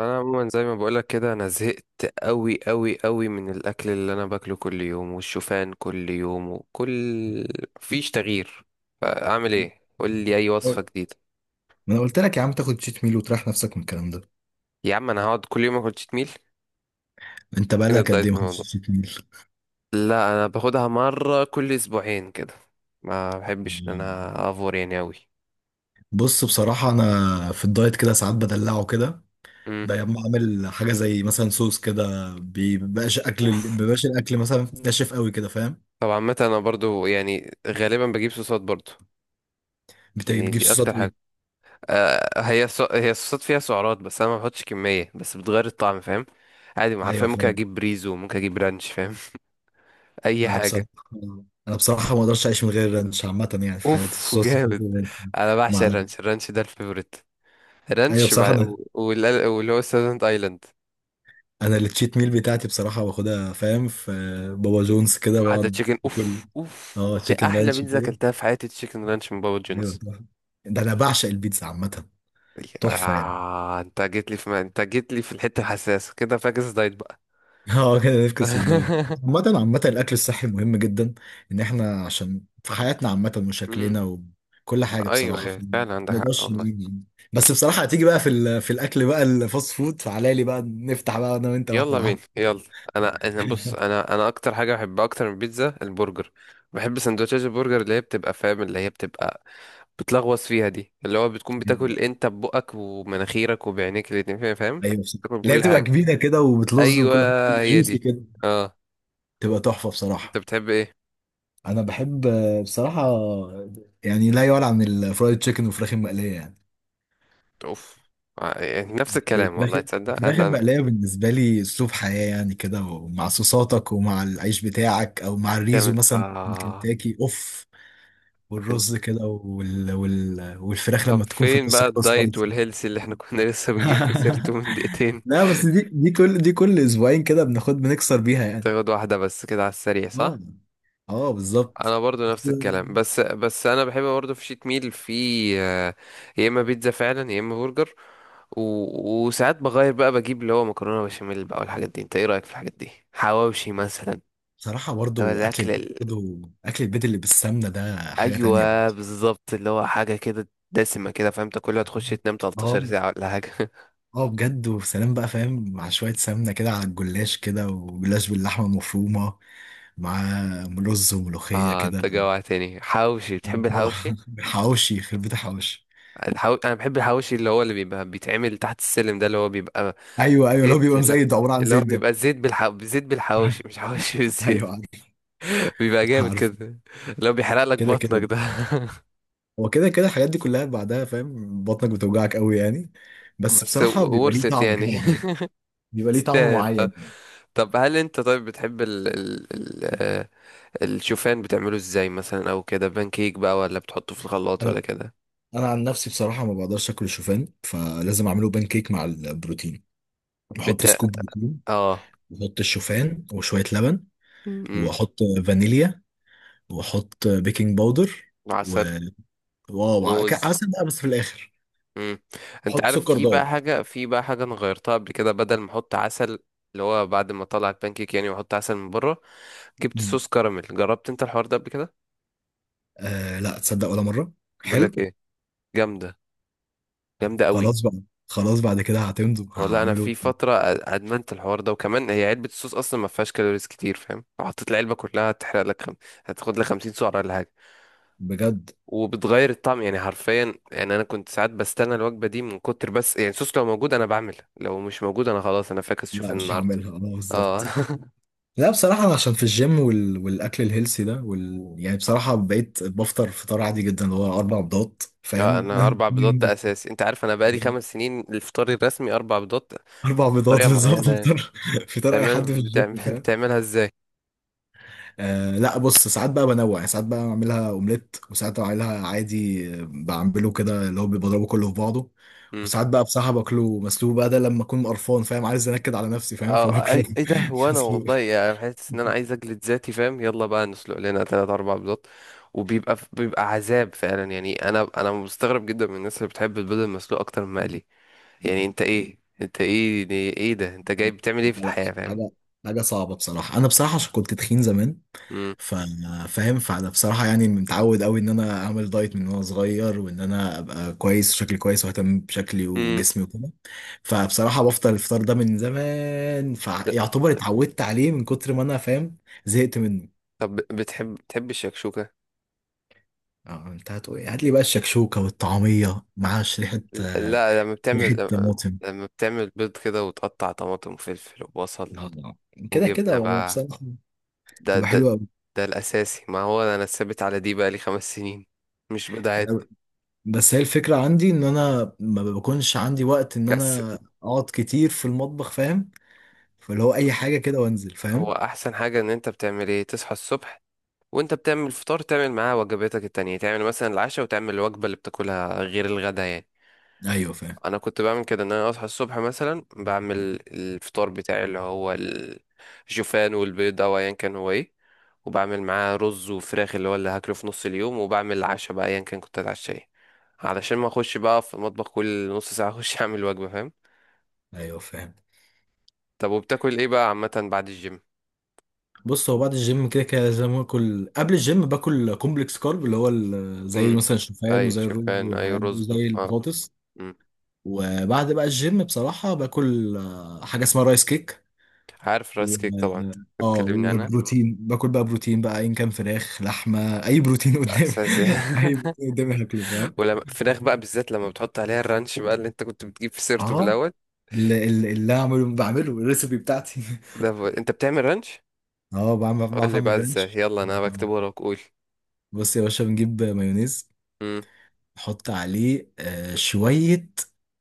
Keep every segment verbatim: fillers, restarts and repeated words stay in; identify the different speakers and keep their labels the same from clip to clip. Speaker 1: انا عموما زي ما بقولك كده، انا زهقت قوي قوي قوي من الاكل اللي انا باكله كل يوم، والشوفان كل يوم، وكل مفيش تغيير. فاعمل ايه؟ قول لي اي
Speaker 2: ما
Speaker 1: وصفه جديده.
Speaker 2: انا قلت لك يا عم تاخد شيت ميل وتريح نفسك من الكلام ده.
Speaker 1: يا عم انا هقعد كل يوم اكل تشيت ميل؟
Speaker 2: انت
Speaker 1: فين
Speaker 2: بقالك قد ايه
Speaker 1: الدايت
Speaker 2: ما
Speaker 1: من
Speaker 2: خدتش
Speaker 1: الموضوع؟
Speaker 2: شيت ميل؟
Speaker 1: لا، انا باخدها مره كل اسبوعين كده. ما بحبش ان انا افور يعني قوي.
Speaker 2: بص، بصراحة انا في الدايت كده ساعات بدلعه كده.
Speaker 1: امم
Speaker 2: بقوم عامل حاجة زي مثلا صوص كده، بيبقاش اكل
Speaker 1: اوف.
Speaker 2: بيبقاش الاكل مثلا ناشف قوي كده، فاهم.
Speaker 1: طبعا متى انا برضو يعني غالبا بجيب صوصات برضو.
Speaker 2: بت-
Speaker 1: يعني
Speaker 2: بتجيب
Speaker 1: دي
Speaker 2: صوصات
Speaker 1: اكتر حاجه.
Speaker 2: ايه؟
Speaker 1: آه، هي ص... هي الصوصات فيها سعرات، بس انا ما بحطش كميه، بس بتغير الطعم، فاهم؟ عادي، ما حرفيا
Speaker 2: ايوه
Speaker 1: ممكن
Speaker 2: فاهم.
Speaker 1: اجيب بريزو، ممكن اجيب رانش، فاهم؟ اي
Speaker 2: انا بصراحة
Speaker 1: حاجه.
Speaker 2: انا بصراحة ما اقدرش اعيش من غير رانش عامة، يعني في حياتي
Speaker 1: اوف
Speaker 2: صوص
Speaker 1: جامد.
Speaker 2: الرانش.
Speaker 1: انا بعشق
Speaker 2: معلش.
Speaker 1: الرانش. الرانش ده الفيفوريت.
Speaker 2: ايوه
Speaker 1: رانش
Speaker 2: بصراحة،
Speaker 1: بع...
Speaker 2: أنا
Speaker 1: و- وال- واللي هو ساذرند ايلاند.
Speaker 2: انا التشيت ميل بتاعتي بصراحه باخدها، فاهم، في بابا جونز كده
Speaker 1: واحده
Speaker 2: بقعد
Speaker 1: تشيكن.
Speaker 2: اكل.
Speaker 1: اوف اوف،
Speaker 2: اه
Speaker 1: دي
Speaker 2: تشيكن
Speaker 1: احلى
Speaker 2: رانش
Speaker 1: بيتزا
Speaker 2: كده.
Speaker 1: اكلتها في حياتي، تشيكن رانش من بابا
Speaker 2: ايوه
Speaker 1: جونز.
Speaker 2: طبعا. ده انا بعشق البيتزا عامه. تحفه يعني.
Speaker 1: آه، انت جيت لي في ما... انت جيت لي في الحته الحساسه كده، فاكس دايت بقى.
Speaker 2: اه كده نفكس للدايت. عامة عامة الأكل الصحي مهم جدا. إن إحنا عشان في حياتنا عامة
Speaker 1: مم.
Speaker 2: وشكلنا وكل حاجة
Speaker 1: ايوه،
Speaker 2: بصراحة،
Speaker 1: أيوة،
Speaker 2: ف- ما
Speaker 1: فعلا عندك حق
Speaker 2: نقدرش
Speaker 1: والله.
Speaker 2: نيجي. بس بصراحة هتيجي بقى في ال- في الأكل بقى، الفاست فود، فعلى لي بقى نفتح بقى أنا وأنت واحدة
Speaker 1: يلا بينا
Speaker 2: واحدة.
Speaker 1: يلا. انا انا بص، انا انا اكتر حاجه بحبها اكتر من البيتزا، البرجر. بحب سندوتشات البرجر اللي هي بتبقى فاهم اللي هي بتبقى بتلغوص فيها دي، اللي هو بتكون بتاكل
Speaker 2: أيوه
Speaker 1: انت ببقك ومناخيرك وبعينيك الاتنين، فاهم فاهم
Speaker 2: أيوه، بصراحة
Speaker 1: بتاكل
Speaker 2: اللي هي
Speaker 1: بكل
Speaker 2: بتبقى
Speaker 1: حاجه.
Speaker 2: كبيرة كده وبتلز من
Speaker 1: ايوه.
Speaker 2: كل حاجة بتبقى
Speaker 1: هي
Speaker 2: جوسي
Speaker 1: دي.
Speaker 2: كده،
Speaker 1: اه.
Speaker 2: تبقى تحفة بصراحة.
Speaker 1: انت بتحب ايه؟
Speaker 2: أنا بحب آه، بصراحة يعني لا يعلى عن الفرايد تشيكن والفراخ المقلية يعني.
Speaker 1: اوف. آه، يعني نفس الكلام،
Speaker 2: الفراخ
Speaker 1: والله تصدق
Speaker 2: الفراخ
Speaker 1: انا أنا-
Speaker 2: المقلية بالنسبة لي أسلوب حياة يعني، كده ومع صوصاتك ومع العيش بتاعك أو مع الريزو
Speaker 1: تعمل
Speaker 2: مثلا من
Speaker 1: اه.
Speaker 2: كنتاكي أوف.
Speaker 1: أنت-
Speaker 2: والرز كده، وال... وال... والفراخ
Speaker 1: طب
Speaker 2: لما تكون في
Speaker 1: فين
Speaker 2: النص
Speaker 1: بقى
Speaker 2: كده
Speaker 1: الدايت
Speaker 2: سبايسي.
Speaker 1: والهيلث اللي احنا كنا لسه بنجيب في سيرته من دقيقتين؟
Speaker 2: لا، بس دي دي كل دي كل أسبوعين كده بناخد، بنكسر بيها يعني.
Speaker 1: تاخد واحده بس كده على السريع،
Speaker 2: اه
Speaker 1: صح؟
Speaker 2: اه بالظبط.
Speaker 1: انا برضو نفس الكلام، بس بس انا بحب برضو في شيت ميل في، آه، يا اما بيتزا فعلا، يا اما برجر. و... وساعات بغير بقى، بجيب اللي هو مكرونه بشاميل بقى والحاجات دي. انت ايه رايك في الحاجات دي، حواوشي مثلا؟
Speaker 2: بصراحة
Speaker 1: اللي هو
Speaker 2: برضو أكل
Speaker 1: الاكل
Speaker 2: البيت،
Speaker 1: ال-
Speaker 2: برضو أكل البيت اللي بالسمنة ده حاجة تانية
Speaker 1: ايوه
Speaker 2: برضو.
Speaker 1: بالظبط، اللي هو حاجه كده دسمه كده، فاهم؟ تاكلها تخش تنام تلتاشر
Speaker 2: اه
Speaker 1: ساعه ولا حاجه.
Speaker 2: اه بجد. وسلام بقى فاهم، مع شوية سمنة كده على الجلاش كده، وجلاش باللحمة المفرومة مع رز وملوخية
Speaker 1: اه،
Speaker 2: كده.
Speaker 1: انت جوعتني حواوشي. بتحب
Speaker 2: اه.
Speaker 1: الحواوشي؟
Speaker 2: حواوشي يخرب بيت الحواوشي.
Speaker 1: الحو... انا بحب الحواوشي اللي هو اللي بيبقى بيتعمل تحت السلم ده، اللي هو بيبقى
Speaker 2: أيوه أيوه، لو
Speaker 1: زيت.
Speaker 2: بيبقى
Speaker 1: اللي
Speaker 2: مزيت عبارة عن
Speaker 1: اللي هو
Speaker 2: زيت ده.
Speaker 1: بيبقى زيت بالح... زيت بالحواوشي، مش حواوشي بالزيت.
Speaker 2: أيوه عارف،
Speaker 1: بيبقى جامد
Speaker 2: عارف.
Speaker 1: كده، اللي هو بيحرق لك
Speaker 2: كده
Speaker 1: بطنك
Speaker 2: كده،
Speaker 1: ده.
Speaker 2: هو كده كده الحاجات دي كلها بعدها، فاهم، بطنك بتوجعك قوي يعني. بس
Speaker 1: بس
Speaker 2: بصراحة بيبقى ليه
Speaker 1: ورثت
Speaker 2: طعم كده
Speaker 1: يعني.
Speaker 2: معين، بيبقى ليه طعم
Speaker 1: تستاهل آه.
Speaker 2: معين.
Speaker 1: طب هل انت، طيب، بتحب ال... ال... ال... آه، الشوفان بتعمله ازاي مثلا؟ او كده بانكيك بقى، ولا بتحطه في الخلاط، ولا كده؟
Speaker 2: انا عن نفسي بصراحه ما بقدرش اكل الشوفان، فلازم اعمله بان كيك مع البروتين. بحط
Speaker 1: بت...
Speaker 2: سكوب بروتين،
Speaker 1: اه.
Speaker 2: بحط الشوفان وشويه لبن،
Speaker 1: امم.
Speaker 2: واحط فانيليا، واحط بيكنج باودر، و
Speaker 1: عسل.
Speaker 2: واو ع- ك-
Speaker 1: موز.
Speaker 2: عسل بقى بس في الاخر.
Speaker 1: امم. انت
Speaker 2: احط
Speaker 1: عارف،
Speaker 2: سكر
Speaker 1: في بقى
Speaker 2: دايت.
Speaker 1: حاجة في بقى حاجة انا غيرتها قبل كده، بدل ما احط عسل، اللي هو بعد ما اطلع البانكيك يعني واحط عسل من بره، جبت
Speaker 2: مم.
Speaker 1: صوص كراميل. جربت انت الحوار ده قبل كده؟
Speaker 2: آه لا، تصدق ولا مره.
Speaker 1: بقول لك
Speaker 2: حلو.
Speaker 1: ايه، جامده، جامده قوي.
Speaker 2: خلاص بقى، خلاص بعد كده هتمضوا
Speaker 1: والله انا
Speaker 2: هعمله
Speaker 1: في فتره أ- ادمنت الحوار ده، وكمان هي علبه الصوص اصلا ما فيهاش كالوريز كتير، فاهم؟ لو حطيت العلبه كلها هتحرق لك خم... هتاخد لك خمسين سعره ولا حاجه.
Speaker 2: بجد.
Speaker 1: وبتغير الطعم يعني حرفيا. يعني انا كنت ساعات بستنى الوجبه دي من كتر بس، يعني الصوص لو موجود انا بعمل، لو مش موجود انا خلاص، انا فاكس شوف
Speaker 2: لا مش
Speaker 1: النهارده.
Speaker 2: هعملها، اه
Speaker 1: اه
Speaker 2: بالظبط. لا بصراحة، أنا عشان في الجيم وال... والأكل الهيلسي ده وال... يعني بصراحة بقيت بفطر فطار عادي جدا، اللي هو أربع بيضات
Speaker 1: اه،
Speaker 2: فاهم.
Speaker 1: انا اربع بيضات ده اساسي. انت عارف انا بقالي خمس سنين الفطار الرسمي اربع بيضات،
Speaker 2: أربع بيضات
Speaker 1: بطريقه
Speaker 2: بالظبط،
Speaker 1: معينه يعني.
Speaker 2: فطار، فطار أي حد في
Speaker 1: بتعمل بتعمل...
Speaker 2: الجيم فاهم.
Speaker 1: بتعملها ازاي؟
Speaker 2: آه لا، بص، ساعات بقى بنوع يعني، ساعات بقى بعملها أومليت، وساعات بعملها عادي، آه، بعمله كده اللي هو بضربه كله في بعضه.
Speaker 1: مم.
Speaker 2: وساعات بقى بصراحة باكله مسلوق بقى، ده لما أكون قرفان فاهم، عايز أنكد على نفسي فاهم،
Speaker 1: اه
Speaker 2: فباكله.
Speaker 1: اي ايه ده هو انا
Speaker 2: مسلوق.
Speaker 1: والله يعني حاسس ان انا عايز اجلد ذاتي، فاهم؟ يلا بقى نسلق لنا تلات اربع بيضات، وبيبقى بيبقى عذاب فعلا يعني. انا انا مستغرب جدا من الناس اللي بتحب البيض المسلوق اكتر من المقلي. يعني انت ايه انت ايه؟ ايه ده؟ انت جاي بتعمل ايه في
Speaker 2: لا.
Speaker 1: الحياة، فاهم؟
Speaker 2: حاجه حاجه صعبه بصراحه. انا بصراحه عشان كنت تخين زمان،
Speaker 1: مم.
Speaker 2: ف- فاهم. فانا بصراحه يعني متعود قوي ان انا اعمل دايت من وانا صغير، وان انا ابقى كويس، شكلي كويس، واهتم بشكلي
Speaker 1: مم.
Speaker 2: وجسمي وكده. فبصراحه بفطر الفطار ده من زمان،
Speaker 1: لا.
Speaker 2: فيعتبر اتعودت عليه من كتر ما انا فاهم، زهقت منه.
Speaker 1: طب بتحب بتحب الشكشوكة؟
Speaker 2: اه، انت هتقول إيه؟ هات لي بقى الشكشوكه والطعميه مع ريحه،
Speaker 1: لا، لما
Speaker 2: ريحه
Speaker 1: بتعمل لما
Speaker 2: طماطم.
Speaker 1: لما بتعمل بيض كده، وتقطع طماطم وفلفل وبصل
Speaker 2: آه، كده كده
Speaker 1: وجبنة
Speaker 2: هو
Speaker 1: بقى،
Speaker 2: بصراحه
Speaker 1: ده
Speaker 2: تبقى
Speaker 1: ده
Speaker 2: حلوه قوي.
Speaker 1: ده الأساسي. ما هو أنا ثابت على دي بقالي خمس سنين، مش بدعات.
Speaker 2: بس هي الفكرة عندي ان انا ما بكونش عندي وقت ان
Speaker 1: كسل.
Speaker 2: انا اقعد كتير في المطبخ فاهم، فاللي هو اي
Speaker 1: بص،
Speaker 2: حاجة كده وانزل
Speaker 1: هو
Speaker 2: فاهم.
Speaker 1: أحسن حاجة إن أنت بتعمل إيه، تصحى الصبح وأنت بتعمل الفطار، تعمل معاه وجباتك التانية، تعمل مثلا العشاء وتعمل الوجبة اللي بتاكلها غير الغدا يعني.
Speaker 2: ايوه فاهم.
Speaker 1: أنا كنت بعمل كده، إن أنا أصحى الصبح مثلا بعمل الفطار بتاعي اللي هو الشوفان والبيض أو أيا كان هو إيه، وبعمل معاه رز وفراخ اللي هو اللي هاكله في نص اليوم، وبعمل العشاء بقى ايا كان كنت هتعشى ايه، علشان ما اخش بقى في المطبخ كل نص ساعة اخش اعمل وجبة، فاهم؟
Speaker 2: ايوه فاهم.
Speaker 1: طب وبتاكل ايه بقى عامة بعد الجيم؟
Speaker 2: بص، هو بعد الجيم كده كده لازم اكل. قبل الجيم باكل كومبلكس كارب، اللي هو ال-
Speaker 1: امم.
Speaker 2: زي مثلا الشوفان
Speaker 1: ايوه
Speaker 2: وزي الرز
Speaker 1: شوفان، ايوه
Speaker 2: والحاجات دي
Speaker 1: رز.
Speaker 2: وزي
Speaker 1: اه.
Speaker 2: البطاطس.
Speaker 1: امم.
Speaker 2: وبعد بقى الجيم بصراحة باكل آه، حاجة اسمها رايس كيك.
Speaker 1: عارف
Speaker 2: و...
Speaker 1: رايس كيك طبعا.
Speaker 2: اه،
Speaker 1: بتكلمني عنها.
Speaker 2: وبروتين، باكل بقى بروتين بقى، ان كان فراخ، لحمة، اي بروتين قدامي.
Speaker 1: اساسي.
Speaker 2: اي بروتين قدامي هاكله فاهم.
Speaker 1: ولما فراخ بقى بالذات، لما بتحط عليها الرانش بقى اللي انت كنت بتجيب في سيرته في
Speaker 2: اه.
Speaker 1: الاول.
Speaker 2: اللي, اللي اللي أنا بعمله بعمله الريسبي بتاعتي.
Speaker 1: ده ب... انت بتعمل رانش؟
Speaker 2: اه، بعمل
Speaker 1: قول
Speaker 2: بعرف
Speaker 1: لي بقى
Speaker 2: اعمل
Speaker 1: ازاي،
Speaker 2: رانش،
Speaker 1: يلا انا
Speaker 2: بعرف
Speaker 1: بكتب
Speaker 2: أعمل-
Speaker 1: وراك، قول.
Speaker 2: بص يا باشا، بنجيب مايونيز،
Speaker 1: امم.
Speaker 2: نحط عليه آه، شوية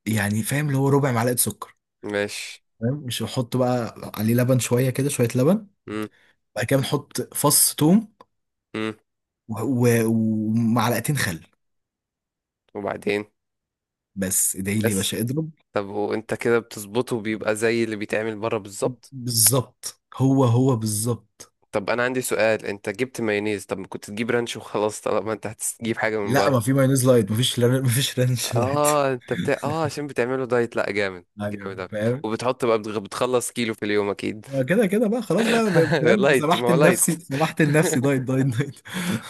Speaker 2: يعني، فاهم اللي هو ربع معلقة سكر
Speaker 1: ماشي.
Speaker 2: فاهم. مش نحط بقى عليه لبن، شوية كده، شوية لبن.
Speaker 1: امم.
Speaker 2: بعد كده بنحط فص توم،
Speaker 1: امم.
Speaker 2: و- و- ومعلقتين خل
Speaker 1: وبعدين؟
Speaker 2: بس. ادعي لي يا
Speaker 1: بس.
Speaker 2: باشا، اضرب.
Speaker 1: طب وانت كده بتظبطه بيبقى زي اللي بيتعمل بره بالظبط؟
Speaker 2: بالظبط، هو هو بالظبط.
Speaker 1: طب انا عندي سؤال، انت جبت مايونيز، طب ما كنت تجيب رانش وخلاص، طالما انت هتجيب حاجه من
Speaker 2: لا، ما
Speaker 1: بره؟
Speaker 2: في مايونيز لايت، ما فيش لر- ما فيش رانش لايت.
Speaker 1: اه، انت بتاع اه، عشان بتعمله دايت، لا جامد،
Speaker 2: ايوه
Speaker 1: جامد أوي.
Speaker 2: فاهم.
Speaker 1: وبتحط بقى، بتغ- بتخلص كيلو في اليوم اكيد.
Speaker 2: آه، كده كده بقى، خلاص بقى، ب- فاهم،
Speaker 1: لايت، ما
Speaker 2: سمحت
Speaker 1: هو لايت.
Speaker 2: لنفسي سمحت لنفسي دايت دايت دايت.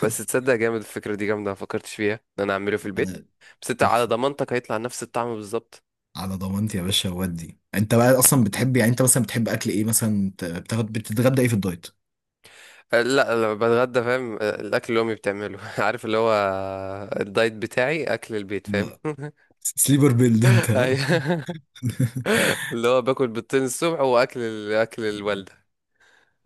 Speaker 1: بس تصدق جامد، الفكره دي جامده، ما فكرتش فيها ان انا اعمله في البيت.
Speaker 2: آه،
Speaker 1: بس انت على
Speaker 2: تحفة.
Speaker 1: ضمانتك هيطلع نفس الطعم بالظبط؟
Speaker 2: على ضمانتي يا باشا. ودي انت بقى اصلا بتحب يعني، انت مثلا بتحب اكل ايه مثلا، بت- بتاخد بتتغدى ايه في الدايت؟
Speaker 1: آه، لا، لما بتغدى، فاهم، آه، الاكل اللي امي بتعمله عارف اللي هو، الدايت بتاعي اكل البيت، فاهم؟
Speaker 2: آه، سليبر بيلد انت ها؟
Speaker 1: ايوه. اللي هو باكل بيضتين الصبح، واكل ال- اكل الوالده.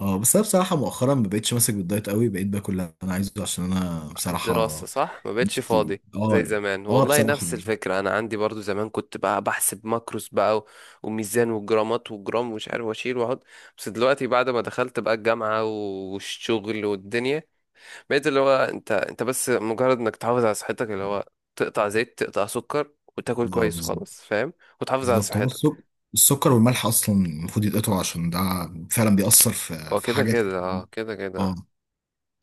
Speaker 2: اه. بس انا بصراحة مؤخرا ما بقتش ماسك بالدايت قوي، بقيت باكل اللي انا عايزه، عشان انا
Speaker 1: الدراسه،
Speaker 2: بصراحة
Speaker 1: صح، ما بقتش
Speaker 2: نفسي
Speaker 1: فاضي
Speaker 2: اه
Speaker 1: زي
Speaker 2: يعني.
Speaker 1: زمان
Speaker 2: اه
Speaker 1: والله،
Speaker 2: بصراحة
Speaker 1: نفس
Speaker 2: يعني.
Speaker 1: الفكره. انا عندي برضو زمان كنت بقى بحسب ماكروس بقى و- وميزان وجرامات وجرام ومش عارف، واشيل واحط. بس دلوقتي بعد ما دخلت بقى الجامعه والشغل والدنيا، بقيت اللي هو، انت انت بس، مجرد انك تحافظ على صحتك، اللي هو تقطع زيت، تقطع سكر، وتاكل
Speaker 2: اه
Speaker 1: كويس
Speaker 2: بالظبط.
Speaker 1: وخلاص، فاهم؟ وتحافظ على
Speaker 2: بالظبط، هو
Speaker 1: صحتك.
Speaker 2: السكر، السكر والملح اصلا المفروض يتقطعوا، عشان ده فعلا بيأثر في
Speaker 1: هو
Speaker 2: في
Speaker 1: كده
Speaker 2: حاجات
Speaker 1: كده
Speaker 2: كتير.
Speaker 1: اه، كده كده
Speaker 2: اه
Speaker 1: آه.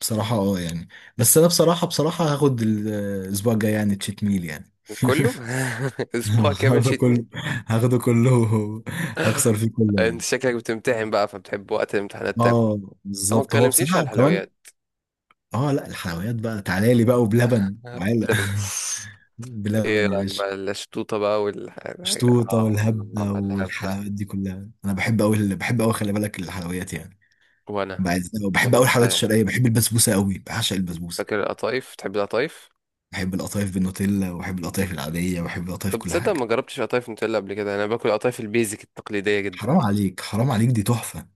Speaker 2: بصراحة اه يعني. بس انا بصراحة بصراحة هاخد ال- آه، الاسبوع الجاي يعني تشيت ميل يعني.
Speaker 1: كله. اسبوع كامل
Speaker 2: هاخده
Speaker 1: شيت.
Speaker 2: كله، هاخده كله. هكسر فيه كله
Speaker 1: انت
Speaker 2: يعني.
Speaker 1: شكلك بتمتحن بقى، فبتحب وقت الامتحانات تاكل.
Speaker 2: اه
Speaker 1: طب ما
Speaker 2: بالظبط هو
Speaker 1: اتكلمتيش
Speaker 2: بصراحة.
Speaker 1: على
Speaker 2: وكمان
Speaker 1: الحلويات؟
Speaker 2: اه لا، الحلويات بقى تعالى لي بقى وبلبن، تعالى.
Speaker 1: لبن. ايه
Speaker 2: بلبن يا
Speaker 1: رايك
Speaker 2: باشا.
Speaker 1: بقى الشطوطه بقى والحاجه
Speaker 2: شطوطة
Speaker 1: اه،
Speaker 2: والهبدة
Speaker 1: اللعب ده.
Speaker 2: والحلويات دي كلها انا بحب قوي، بحب قوي، خلي بالك، الحلويات يعني.
Speaker 1: وانا.
Speaker 2: بعز- بحب
Speaker 1: وانا
Speaker 2: قوي الحلويات
Speaker 1: صغير،
Speaker 2: الشرقية، بحب البسبوسة قوي، بعشق البسبوسة.
Speaker 1: فاكر القطايف؟ تحب القطايف؟
Speaker 2: بحب القطايف بالنوتيلا، وبحب القطايف العادية، وبحب القطايف،
Speaker 1: طب
Speaker 2: كل
Speaker 1: تصدق
Speaker 2: حاجة.
Speaker 1: ما جربتش قطايف نوتيلا قبل كده، انا باكل قطايف البيزك التقليديه جدا
Speaker 2: حرام
Speaker 1: دي.
Speaker 2: عليك، حرام عليك، دي تحفة.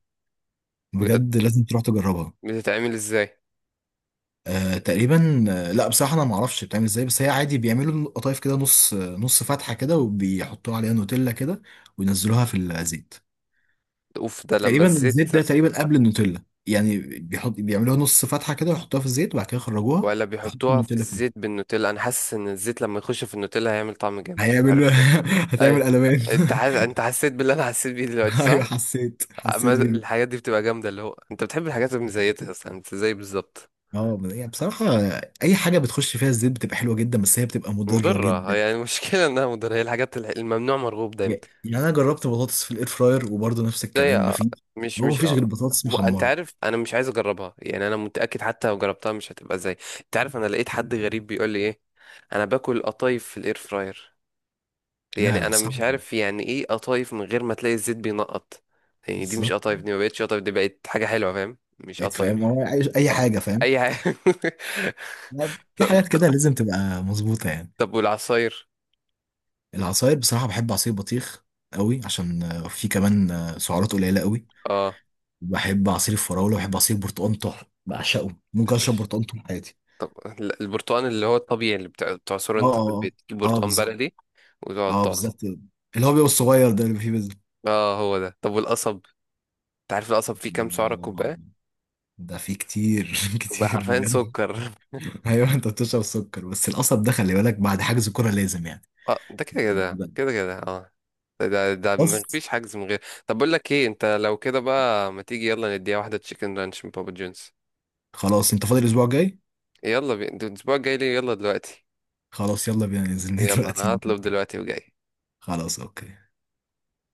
Speaker 1: بجد؟
Speaker 2: بجد لازم تروح تجربها.
Speaker 1: بتتعمل ازاي؟
Speaker 2: آه تقريبا، آه، لا بصراحة انا ما اعرفش بتعمل ازاي. بس هي عادي، بيعملوا القطايف كده نص نص فتحة كده، وبيحطوها عليها نوتيلا كده، وينزلوها في الزيت.
Speaker 1: اوف، ده لما
Speaker 2: تقريبا
Speaker 1: الزيت،
Speaker 2: الزيت ده تقريبا قبل النوتيلا يعني، بيحط بيعملوها نص فتحة كده، ويحطوها في الزيت، وبعد كده يخرجوها،
Speaker 1: ولا
Speaker 2: يحطوا
Speaker 1: بيحطوها في
Speaker 2: النوتيلا فيها.
Speaker 1: الزيت بالنوتيلا؟ انا حاسس ان الزيت لما يخش في النوتيلا هيعمل طعم جامد، مش
Speaker 2: هيعمل
Speaker 1: عارف ليه.
Speaker 2: هتعمل
Speaker 1: اي.
Speaker 2: قلبان.
Speaker 1: انت حاس... انت حسيت باللي انا حسيت بيه دلوقتي، صح؟
Speaker 2: ايوه حسيت،
Speaker 1: ما-
Speaker 2: حسيت بيه.
Speaker 1: الحاجات دي بتبقى جامدة. اللي هو انت بتحب الحاجات اللي مزيتها اصلا، انت زي بالظبط.
Speaker 2: اه يعني بصراحة، أي حاجة بتخش فيها الزيت بتبقى حلوة جدا، بس هي بتبقى مضرة
Speaker 1: مضرة هي،
Speaker 2: جدا
Speaker 1: يعني المشكلة انها مضرة. هي الحاجات الح- الممنوع مرغوب دايما.
Speaker 2: يعني. انا جربت بطاطس في الاير فراير وبرضه نفس
Speaker 1: زي
Speaker 2: الكلام،
Speaker 1: اه.
Speaker 2: مفيش.
Speaker 1: مش
Speaker 2: هو
Speaker 1: مش
Speaker 2: مفيش غير
Speaker 1: اه.
Speaker 2: بطاطس
Speaker 1: وانت
Speaker 2: محمره.
Speaker 1: عارف انا مش عايز اجربها، يعني انا متأكد حتى لو جربتها مش هتبقى زي. انت عارف انا لقيت حد غريب بيقول لي ايه؟ انا باكل قطايف في الاير فراير.
Speaker 2: لا
Speaker 1: يعني
Speaker 2: لا،
Speaker 1: انا مش
Speaker 2: صعب.
Speaker 1: عارف يعني، ايه قطايف من غير ما تلاقي الزيت بينقط؟ يعني دي مش
Speaker 2: بالظبط
Speaker 1: قطايف،
Speaker 2: يعني،
Speaker 1: دي ما بقتش قطايف، دي بقت حاجة حلوة فاهم، مش
Speaker 2: بقيت
Speaker 1: قطايف.
Speaker 2: فاهم هو عايز اي
Speaker 1: اه،
Speaker 2: حاجه فاهم.
Speaker 1: اي حاجة.
Speaker 2: لا، في
Speaker 1: طب
Speaker 2: حاجات
Speaker 1: طب
Speaker 2: كده لازم تبقى مظبوطه يعني.
Speaker 1: طب والعصاير؟
Speaker 2: العصاير بصراحه بحب عصير بطيخ قوي، عشان آه، في كمان آه، سعرات قليله قوي.
Speaker 1: اه.
Speaker 2: بحب عصير الفراوله، بحب عصير برتقال طحن بعشقه، ممكن اشرب
Speaker 1: متحبش؟
Speaker 2: برتقال طول حياتي.
Speaker 1: طب. لا، البرتقال اللي هو الطبيعي اللي بتع- بتعصره
Speaker 2: اه
Speaker 1: انت
Speaker 2: اه
Speaker 1: في البيت، تجيب
Speaker 2: اه، آه،
Speaker 1: برتقال
Speaker 2: بالظبط.
Speaker 1: بلدي وتقعد
Speaker 2: اه
Speaker 1: تعصر.
Speaker 2: بالظبط، اللي هو بيبقى الصغير ده اللي فيه بز-
Speaker 1: اه، هو ده. طب والقصب؟ انت عارف القصب فيه كام سعرة كوباية؟
Speaker 2: ده فيه كتير.
Speaker 1: كوباية
Speaker 2: كتير
Speaker 1: حرفيا
Speaker 2: بجد.
Speaker 1: سكر.
Speaker 2: ايوه انت بتشرب سكر، بس القصب ده خلي بالك، بعد حجز كرة لازم يعني.
Speaker 1: اه، ده كده
Speaker 2: لازم
Speaker 1: كده
Speaker 2: تبقى-
Speaker 1: كده كده اه. ده ده ده
Speaker 2: خلاص.
Speaker 1: مفيش حجز من غير. طب بقول لك ايه، انت لو كده بقى ما تيجي يلا نديها واحدة تشيكن رانش من بابا جونز؟
Speaker 2: خلاص انت فاضي الاسبوع الجاي؟
Speaker 1: يلا بي... ده الاسبوع الجاي ليه؟ يلا دلوقتي.
Speaker 2: خلاص يلا بينا ننزل،
Speaker 1: يلا
Speaker 2: دلوقتي.
Speaker 1: انا هطلب دلوقتي وجاي.
Speaker 2: خلاص اوكي.